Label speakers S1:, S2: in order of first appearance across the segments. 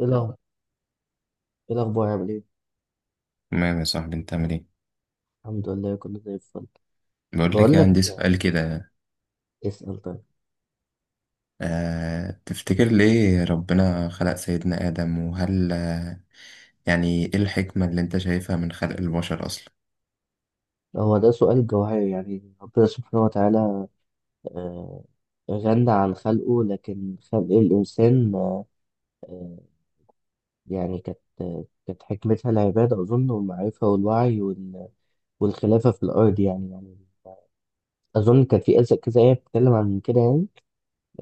S1: ايه الأخبار؟ ايه الأخبار عامل ايه؟
S2: تمام يا صاحبي، انت عامل ايه؟
S1: الحمد لله، كله زي الفل.
S2: بقول لك
S1: بقول
S2: إيه،
S1: لك،
S2: عندي سؤال كده.
S1: اسأل طيب.
S2: تفتكر ليه ربنا خلق سيدنا آدم؟ وهل يعني ايه الحكمة اللي انت شايفها من خلق البشر اصلا؟
S1: هو ده سؤال جوهري، يعني ربنا سبحانه وتعالى آه، غنى عن خلقه، لكن خلق الإنسان آه، يعني كانت كانت حكمتها العبادة أظن، والمعرفة والوعي والخلافة في الأرض، يعني أظن كان في كذا كذا آية بتتكلم عن كده يعني.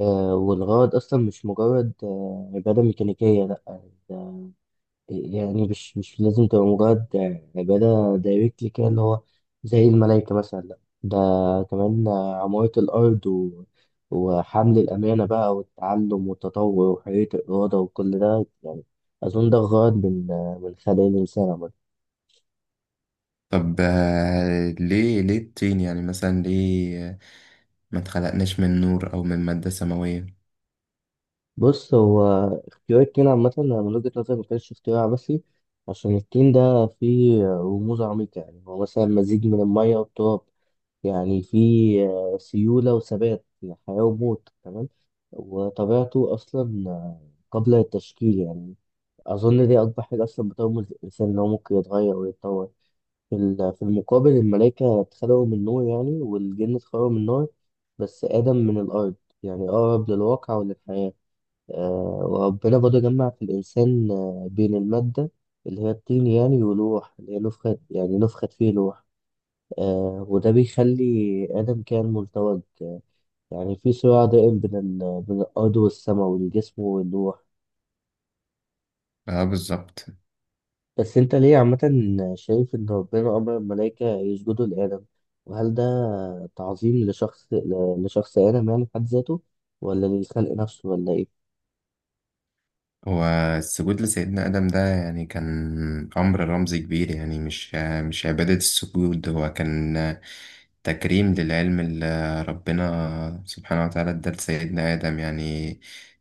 S1: والغرض أصلا مش مجرد عبادة ميكانيكية، لأ. يعني مش لازم تبقى مجرد عبادة دايركتلي كده، اللي هو زي الملائكة مثلا، لأ. ده كمان عمارة الأرض و... وحمل الأمانة بقى، والتعلم والتطور وحرية الإرادة وكل ده. يعني أظن ده غرض من خلق الإنسان عامة.
S2: طب ليه الطين؟ يعني مثلا ليه ما اتخلقناش من نور او من مادة سماوية؟
S1: بص، هو اختيار التين عامة أنا من وجهة نظري مكانش اختيار عبثي، عشان التين ده فيه رموز عميقة. يعني هو مثلا مزيج من المية والتراب، يعني في سيولة وثبات، يعني حياة وموت. تمام. وطبيعته أصلا قبل التشكيل، يعني أظن دي أكبر حاجة أصلا بترمز للإنسان إن هو ممكن يتغير ويتطور. في المقابل، الملائكة اتخلقوا من نور يعني، والجن اتخلقوا من نار، بس آدم من الأرض، يعني أقرب للواقع وللحياة. وربنا برضه جمع في الإنسان بين المادة اللي هي الطين يعني، والروح اللي هي نفخت فيه الروح. وده بيخلي آدم كائن ملتوج، يعني في صراع دائم بين الأرض والسماء، والجسم والروح.
S2: اه بالظبط.
S1: بس أنت ليه عامة شايف إن ربنا أمر الملائكة يسجدوا لآدم؟ وهل ده تعظيم لشخص آدم يعني في حد ذاته، ولا للخلق نفسه، ولا إيه؟
S2: والسجود لسيدنا آدم ده يعني كان أمر رمزي كبير، يعني مش عبادة، السجود هو كان تكريم للعلم اللي ربنا سبحانه وتعالى ادى لسيدنا آدم، يعني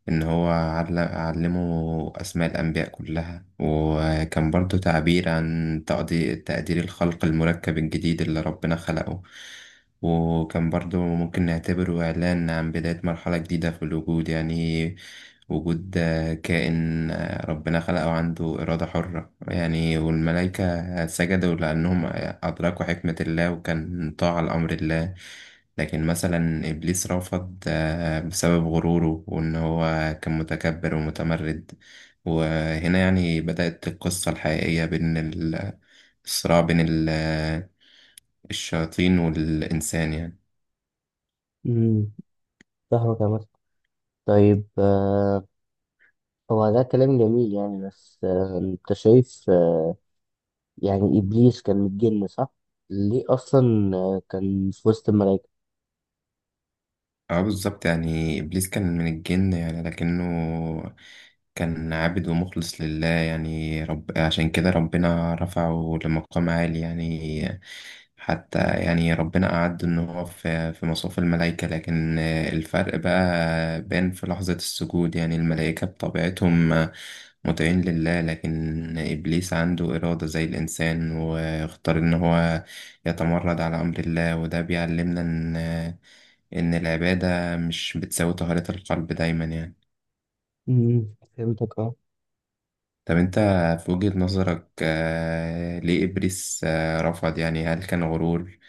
S2: إن هو علمه أسماء الأنبياء كلها، وكان برضو تعبير عن تقدير الخلق المركب الجديد اللي ربنا خلقه. وكان برضو ممكن نعتبره إعلان عن بداية مرحلة جديدة في الوجود، يعني وجود كائن ربنا خلقه عنده إرادة حرة، يعني والملائكة سجدوا لأنهم أدركوا حكمة الله، وكان طاعة لأمر الله. لكن مثلا إبليس رفض بسبب غروره، وإن هو كان متكبر ومتمرد. وهنا يعني بدأت القصة الحقيقية الصراع بين الشياطين والإنسان يعني.
S1: امم فاهمك عامة. طيب، هو ده كلام جميل يعني، بس أنت شايف يعني إبليس كان متجن، صح؟ ليه أصلا كان في وسط الملائكة؟
S2: اه بالظبط، يعني إبليس كان من الجن يعني، لكنه كان عابد ومخلص لله يعني، رب عشان كده ربنا رفعه لمقام عالي يعني. حتى يعني ربنا أعد إن هو في مصاف الملائكة، لكن الفرق بقى بان في لحظة السجود. يعني الملائكة بطبيعتهم مطيعين لله، لكن إبليس عنده إرادة زي الإنسان، واختار إن هو يتمرد على أمر الله، وده بيعلمنا إن العبادة مش بتساوي طهارة القلب دايما يعني.
S1: فهمتك، اه.
S2: طب أنت في وجهة نظرك، ليه إبليس رفض؟ يعني هل كان غرور؟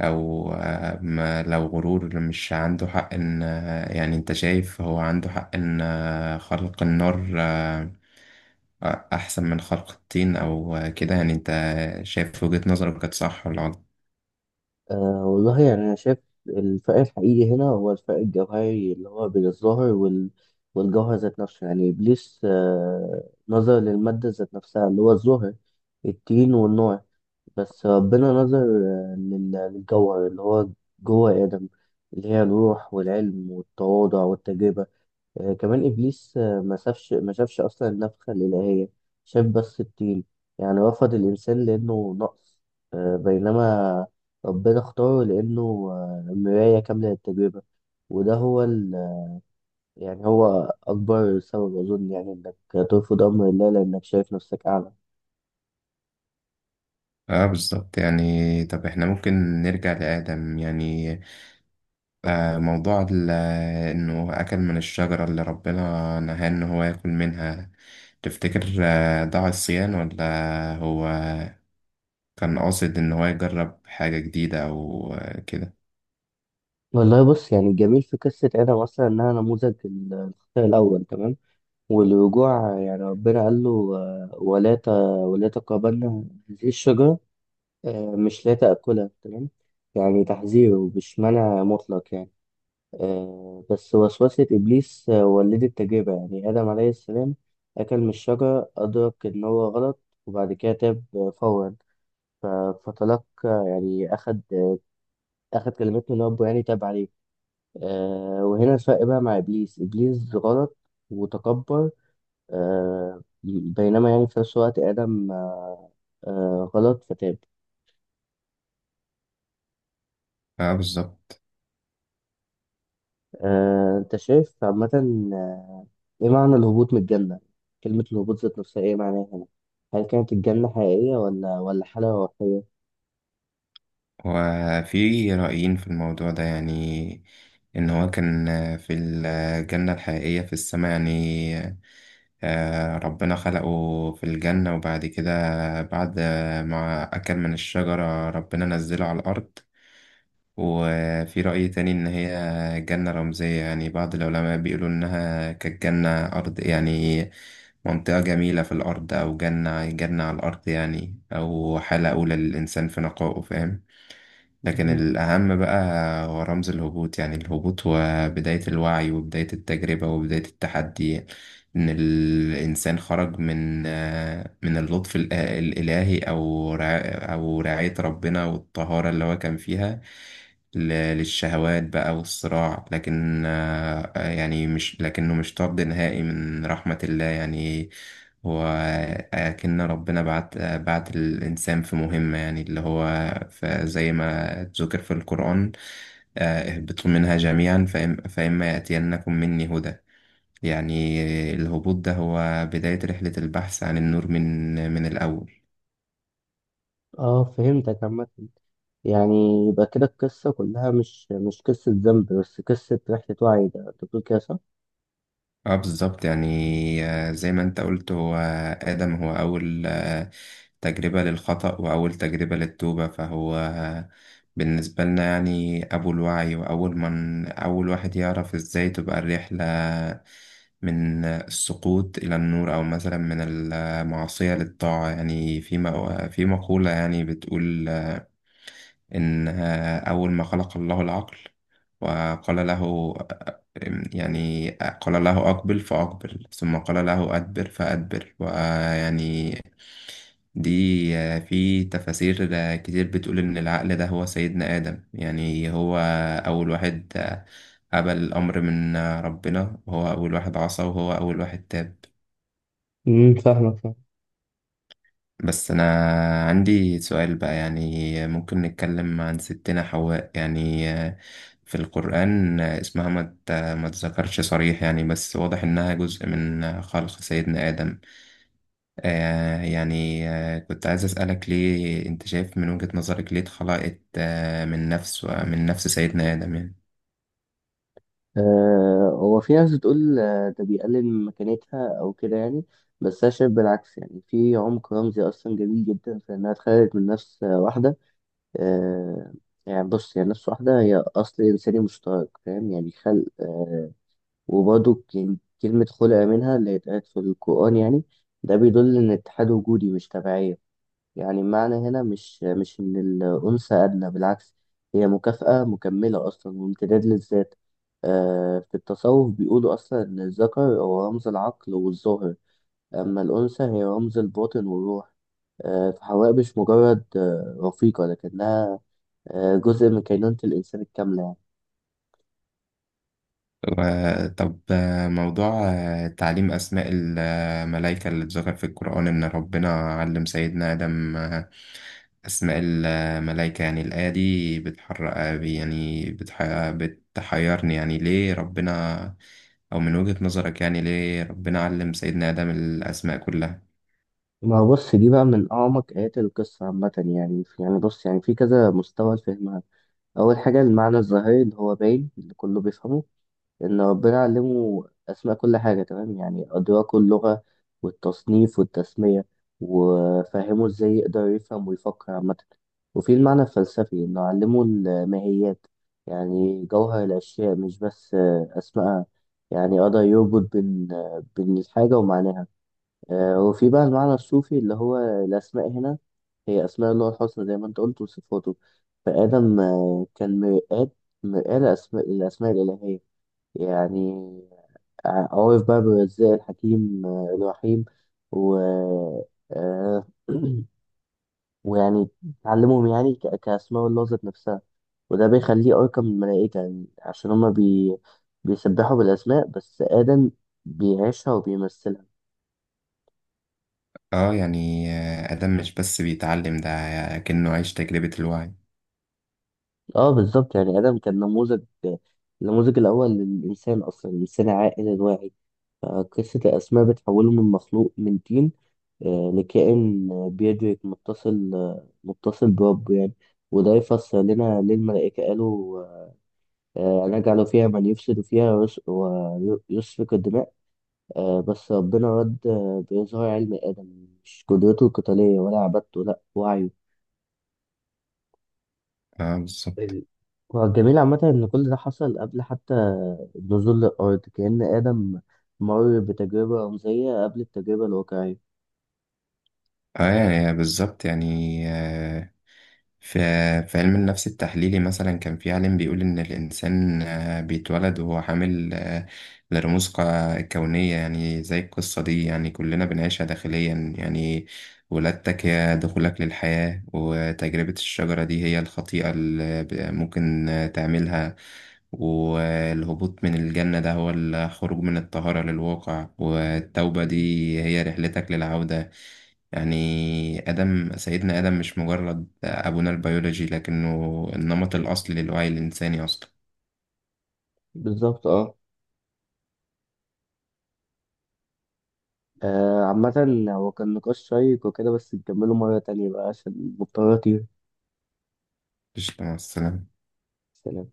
S2: أو ما لو غرور مش عنده حق إن يعني أنت شايف هو عنده حق إن خلق النار أحسن من خلق الطين أو كده؟ يعني أنت شايف في وجهة نظرك كانت صح ولا غلط؟
S1: والله يعني أنا شايف الفرق الحقيقي هنا هو الفرق الجوهري اللي هو بين الظاهر وال... والجوهر ذات نفسه. يعني إبليس نظر للمادة ذات نفسها اللي هو الظهر، التين والنار. بس ربنا نظر للجوهر اللي هو جوه آدم، اللي هي الروح والعلم والتواضع والتجربة. كمان إبليس ما شافش أصلا النفخة الإلهية، شاف بس الطين. يعني رفض الإنسان لأنه نقص، بينما ربنا اختاره لأنه مراية كاملة للتجربة. وده هو يعني هو أكبر سبب أظن، يعني إنك ترفض أمر الله لأنك شايف نفسك أعلى.
S2: اه بالظبط، يعني طب احنا ممكن نرجع لآدم يعني، موضوع إنه أكل من الشجرة اللي ربنا نهاه إن هو ياكل منها. تفتكر ضاع الصيان؟ ولا هو كان قاصد إن هو يجرب حاجة جديدة أو كده؟
S1: والله، بص، يعني الجميل في قصة آدم أصلا إنها نموذج الخطأ الأول، تمام، والرجوع. يعني ربنا قال له ولا تقربن هذه الشجرة، مش لا تأكلها. تمام، يعني تحذيره مش منع مطلق، يعني بس وسوسة إبليس ولدت تجربة. يعني آدم عليه السلام أكل من الشجرة، أدرك إن هو غلط، وبعد كده تاب فورا. ف- فتلقى يعني أخد كلمات من ربه، يعني تاب عليه. وهنا الفرق بقى مع إبليس. إبليس غلط وتكبر، بينما يعني في نفس الوقت آدم غلط فتاب.
S2: اه بالظبط.
S1: انت شايف عامة آه، ايه معنى الهبوط من الجنة؟ كلمة الهبوط ذات نفسها ايه معناها هنا؟ هل كانت الجنة حقيقية، ولا حالة روحية؟
S2: وفي رأيين في الموضوع ده يعني، إن هو كان في الجنة الحقيقية في السماء يعني. ربنا خلقه في الجنة، وبعد كده بعد ما أكل من الشجرة ربنا نزله على الأرض. وفي رأي تاني إن هي جنة رمزية، يعني بعض العلماء بيقولوا إنها كانت جنة أرض يعني، منطقة جميلة في الأرض، أو جنة على الأرض يعني، أو حالة أولى للإنسان في نقائه، فاهم؟ لكن
S1: مم.
S2: الأهم بقى هو رمز الهبوط، يعني الهبوط هو بداية الوعي وبداية التجربة وبداية التحدي، إن الإنسان خرج من اللطف الإلهي أو رعاية ربنا والطهارة اللي هو كان فيها ل- للشهوات بقى والصراع. لكن يعني مش لكنه مش طرد نهائي من رحمة الله يعني، هو أكن ربنا بعت الإنسان في مهمة، يعني اللي هو زي ما ذكر في القرآن، اهبطوا منها جميعا فإما يأتينكم مني هدى. يعني الهبوط ده هو بداية رحلة البحث عن النور من الأول.
S1: اه، فهمتك عامة. يعني يبقى كده القصة كلها مش قصة ذنب بس، قصة رحلة وعي. ده انت بتقول كده، صح؟
S2: اه بالظبط، يعني زي ما انت قلت هو آدم هو أول تجربة للخطأ وأول تجربة للتوبة، فهو بالنسبة لنا يعني أبو الوعي، وأول من أول واحد يعرف إزاي تبقى الرحلة من السقوط إلى النور، أو مثلا من المعصية للطاعة. يعني في في مقولة يعني بتقول إن أول ما خلق الله العقل وقال له، يعني قال له أقبل فأقبل، ثم قال له أدبر فأدبر. ويعني دي في تفاسير كتير بتقول إن العقل ده هو سيدنا آدم، يعني هو أول واحد قبل الأمر من ربنا، وهو أول واحد عصى، وهو أول واحد تاب.
S1: فاهمك، فاهم.
S2: بس أنا عندي سؤال بقى يعني، ممكن نتكلم عن ستنا حواء يعني. في القرآن اسمها ما تذكرش صريح يعني، بس واضح إنها جزء من خلق سيدنا آدم. يعني كنت عايز أسألك ليه أنت شايف من وجهة نظرك ليه اتخلقت من نفس سيدنا آدم يعني.
S1: هو في ناس بتقول ده بيقلل من مكانتها أو كده يعني، بس أنا شايف بالعكس. يعني في عمق رمزي أصلا جميل جدا في إنها اتخلقت من نفس واحدة. آه يعني بص، هي نفس واحدة، هي أصل إنساني مشترك، فاهم. يعني خلق، وبرضه كلمة خلق منها اللي اتقالت في القرآن يعني. ده بيدل إن الاتحاد وجودي مش تبعية. يعني المعنى هنا مش إن الأنثى أدنى، بالعكس، هي مكافأة مكملة أصلا وامتداد للذات. في التصوف بيقولوا أصلا إن الذكر هو رمز العقل والظاهر، أما الأنثى هي رمز الباطن والروح. فحواء مش مجرد رفيقة، لكنها جزء من كينونة الإنسان الكاملة يعني.
S2: طب موضوع تعليم أسماء الملائكة اللي اتذكر في القرآن إن ربنا علم سيدنا آدم أسماء الملائكة، يعني الآية دي بتحرق يعني بتحيرني، يعني ليه ربنا، أو من وجهة نظرك يعني ليه ربنا علم سيدنا آدم الأسماء كلها؟
S1: ما هو، بص، دي بقى من أعمق آيات القصة عامة. يعني بص، يعني في كذا مستوى لفهمها. أول حاجة، المعنى الظاهري اللي هو باين اللي كله بيفهمه، إن ربنا علمه أسماء كل حاجة. تمام، يعني أدراكه اللغة والتصنيف والتسمية، وفهمه إزاي يقدر يفهم ويفكر عامة. وفي المعنى الفلسفي، إنه علمه الماهيات، يعني جوهر الأشياء، مش بس أسمائها. يعني قدر يربط بين الحاجة ومعناها. وفي بقى المعنى الصوفي اللي هو الأسماء هنا، هي أسماء الله الحسنى، زي ما أنت قلت، وصفاته. فآدم كان مرآة لأسماء الأسماء الإلهية. يعني عرف بقى بالرزاق، الحكيم، الرحيم، و آه، ويعني تعلمهم يعني كأسماء الله ذات نفسها. وده بيخليه أرقى من الملائكة، يعني عشان هما بيسبحوا بالأسماء بس، آدم بيعيشها وبيمثلها.
S2: اه يعني آدم مش بس بيتعلم ده، كأنه عايش تجربة الوعي.
S1: اه، بالظبط. يعني ادم كان نموذج، النموذج الاول للانسان اصلا، الانسان العاقل الواعي. فقصه الاسماء بتحوله من مخلوق من طين لكائن بيدرك، متصل بربه يعني. وده يفسر لنا ليه الملائكه قالوا نجعل فيها من يفسد فيها ويسفك الدماء. بس ربنا رد بإظهار علم آدم، مش قدرته القتالية ولا عبادته، لأ، وعيه.
S2: اه بالظبط.
S1: ال- هو الجميل عامة إن كل ده حصل قبل حتى نزول الأرض، كأن آدم مر بتجربة رمزية قبل التجربة الواقعية.
S2: اه يعني بالظبط يعني، في في علم النفس التحليلي مثلا كان في عالم بيقول إن الإنسان بيتولد وهو حامل لرموز كونية، يعني زي القصة دي يعني كلنا بنعيشها داخليا يعني. ولادتك هي دخولك للحياة، وتجربة الشجرة دي هي الخطيئة اللي ممكن تعملها، والهبوط من الجنة ده هو الخروج من الطهارة للواقع، والتوبة دي
S1: مم.
S2: هي رحلتك للعودة. يعني سيدنا آدم مش مجرد أبونا البيولوجي، لكنه النمط الأصلي للوعي الإنساني أصلا.
S1: بالظبط، اه. عامة هو كان نقاش شيق وكده، بس نكمله مرة تانية بقى عشان مضطر أطير.
S2: قشطة، مع السلامة.
S1: سلام.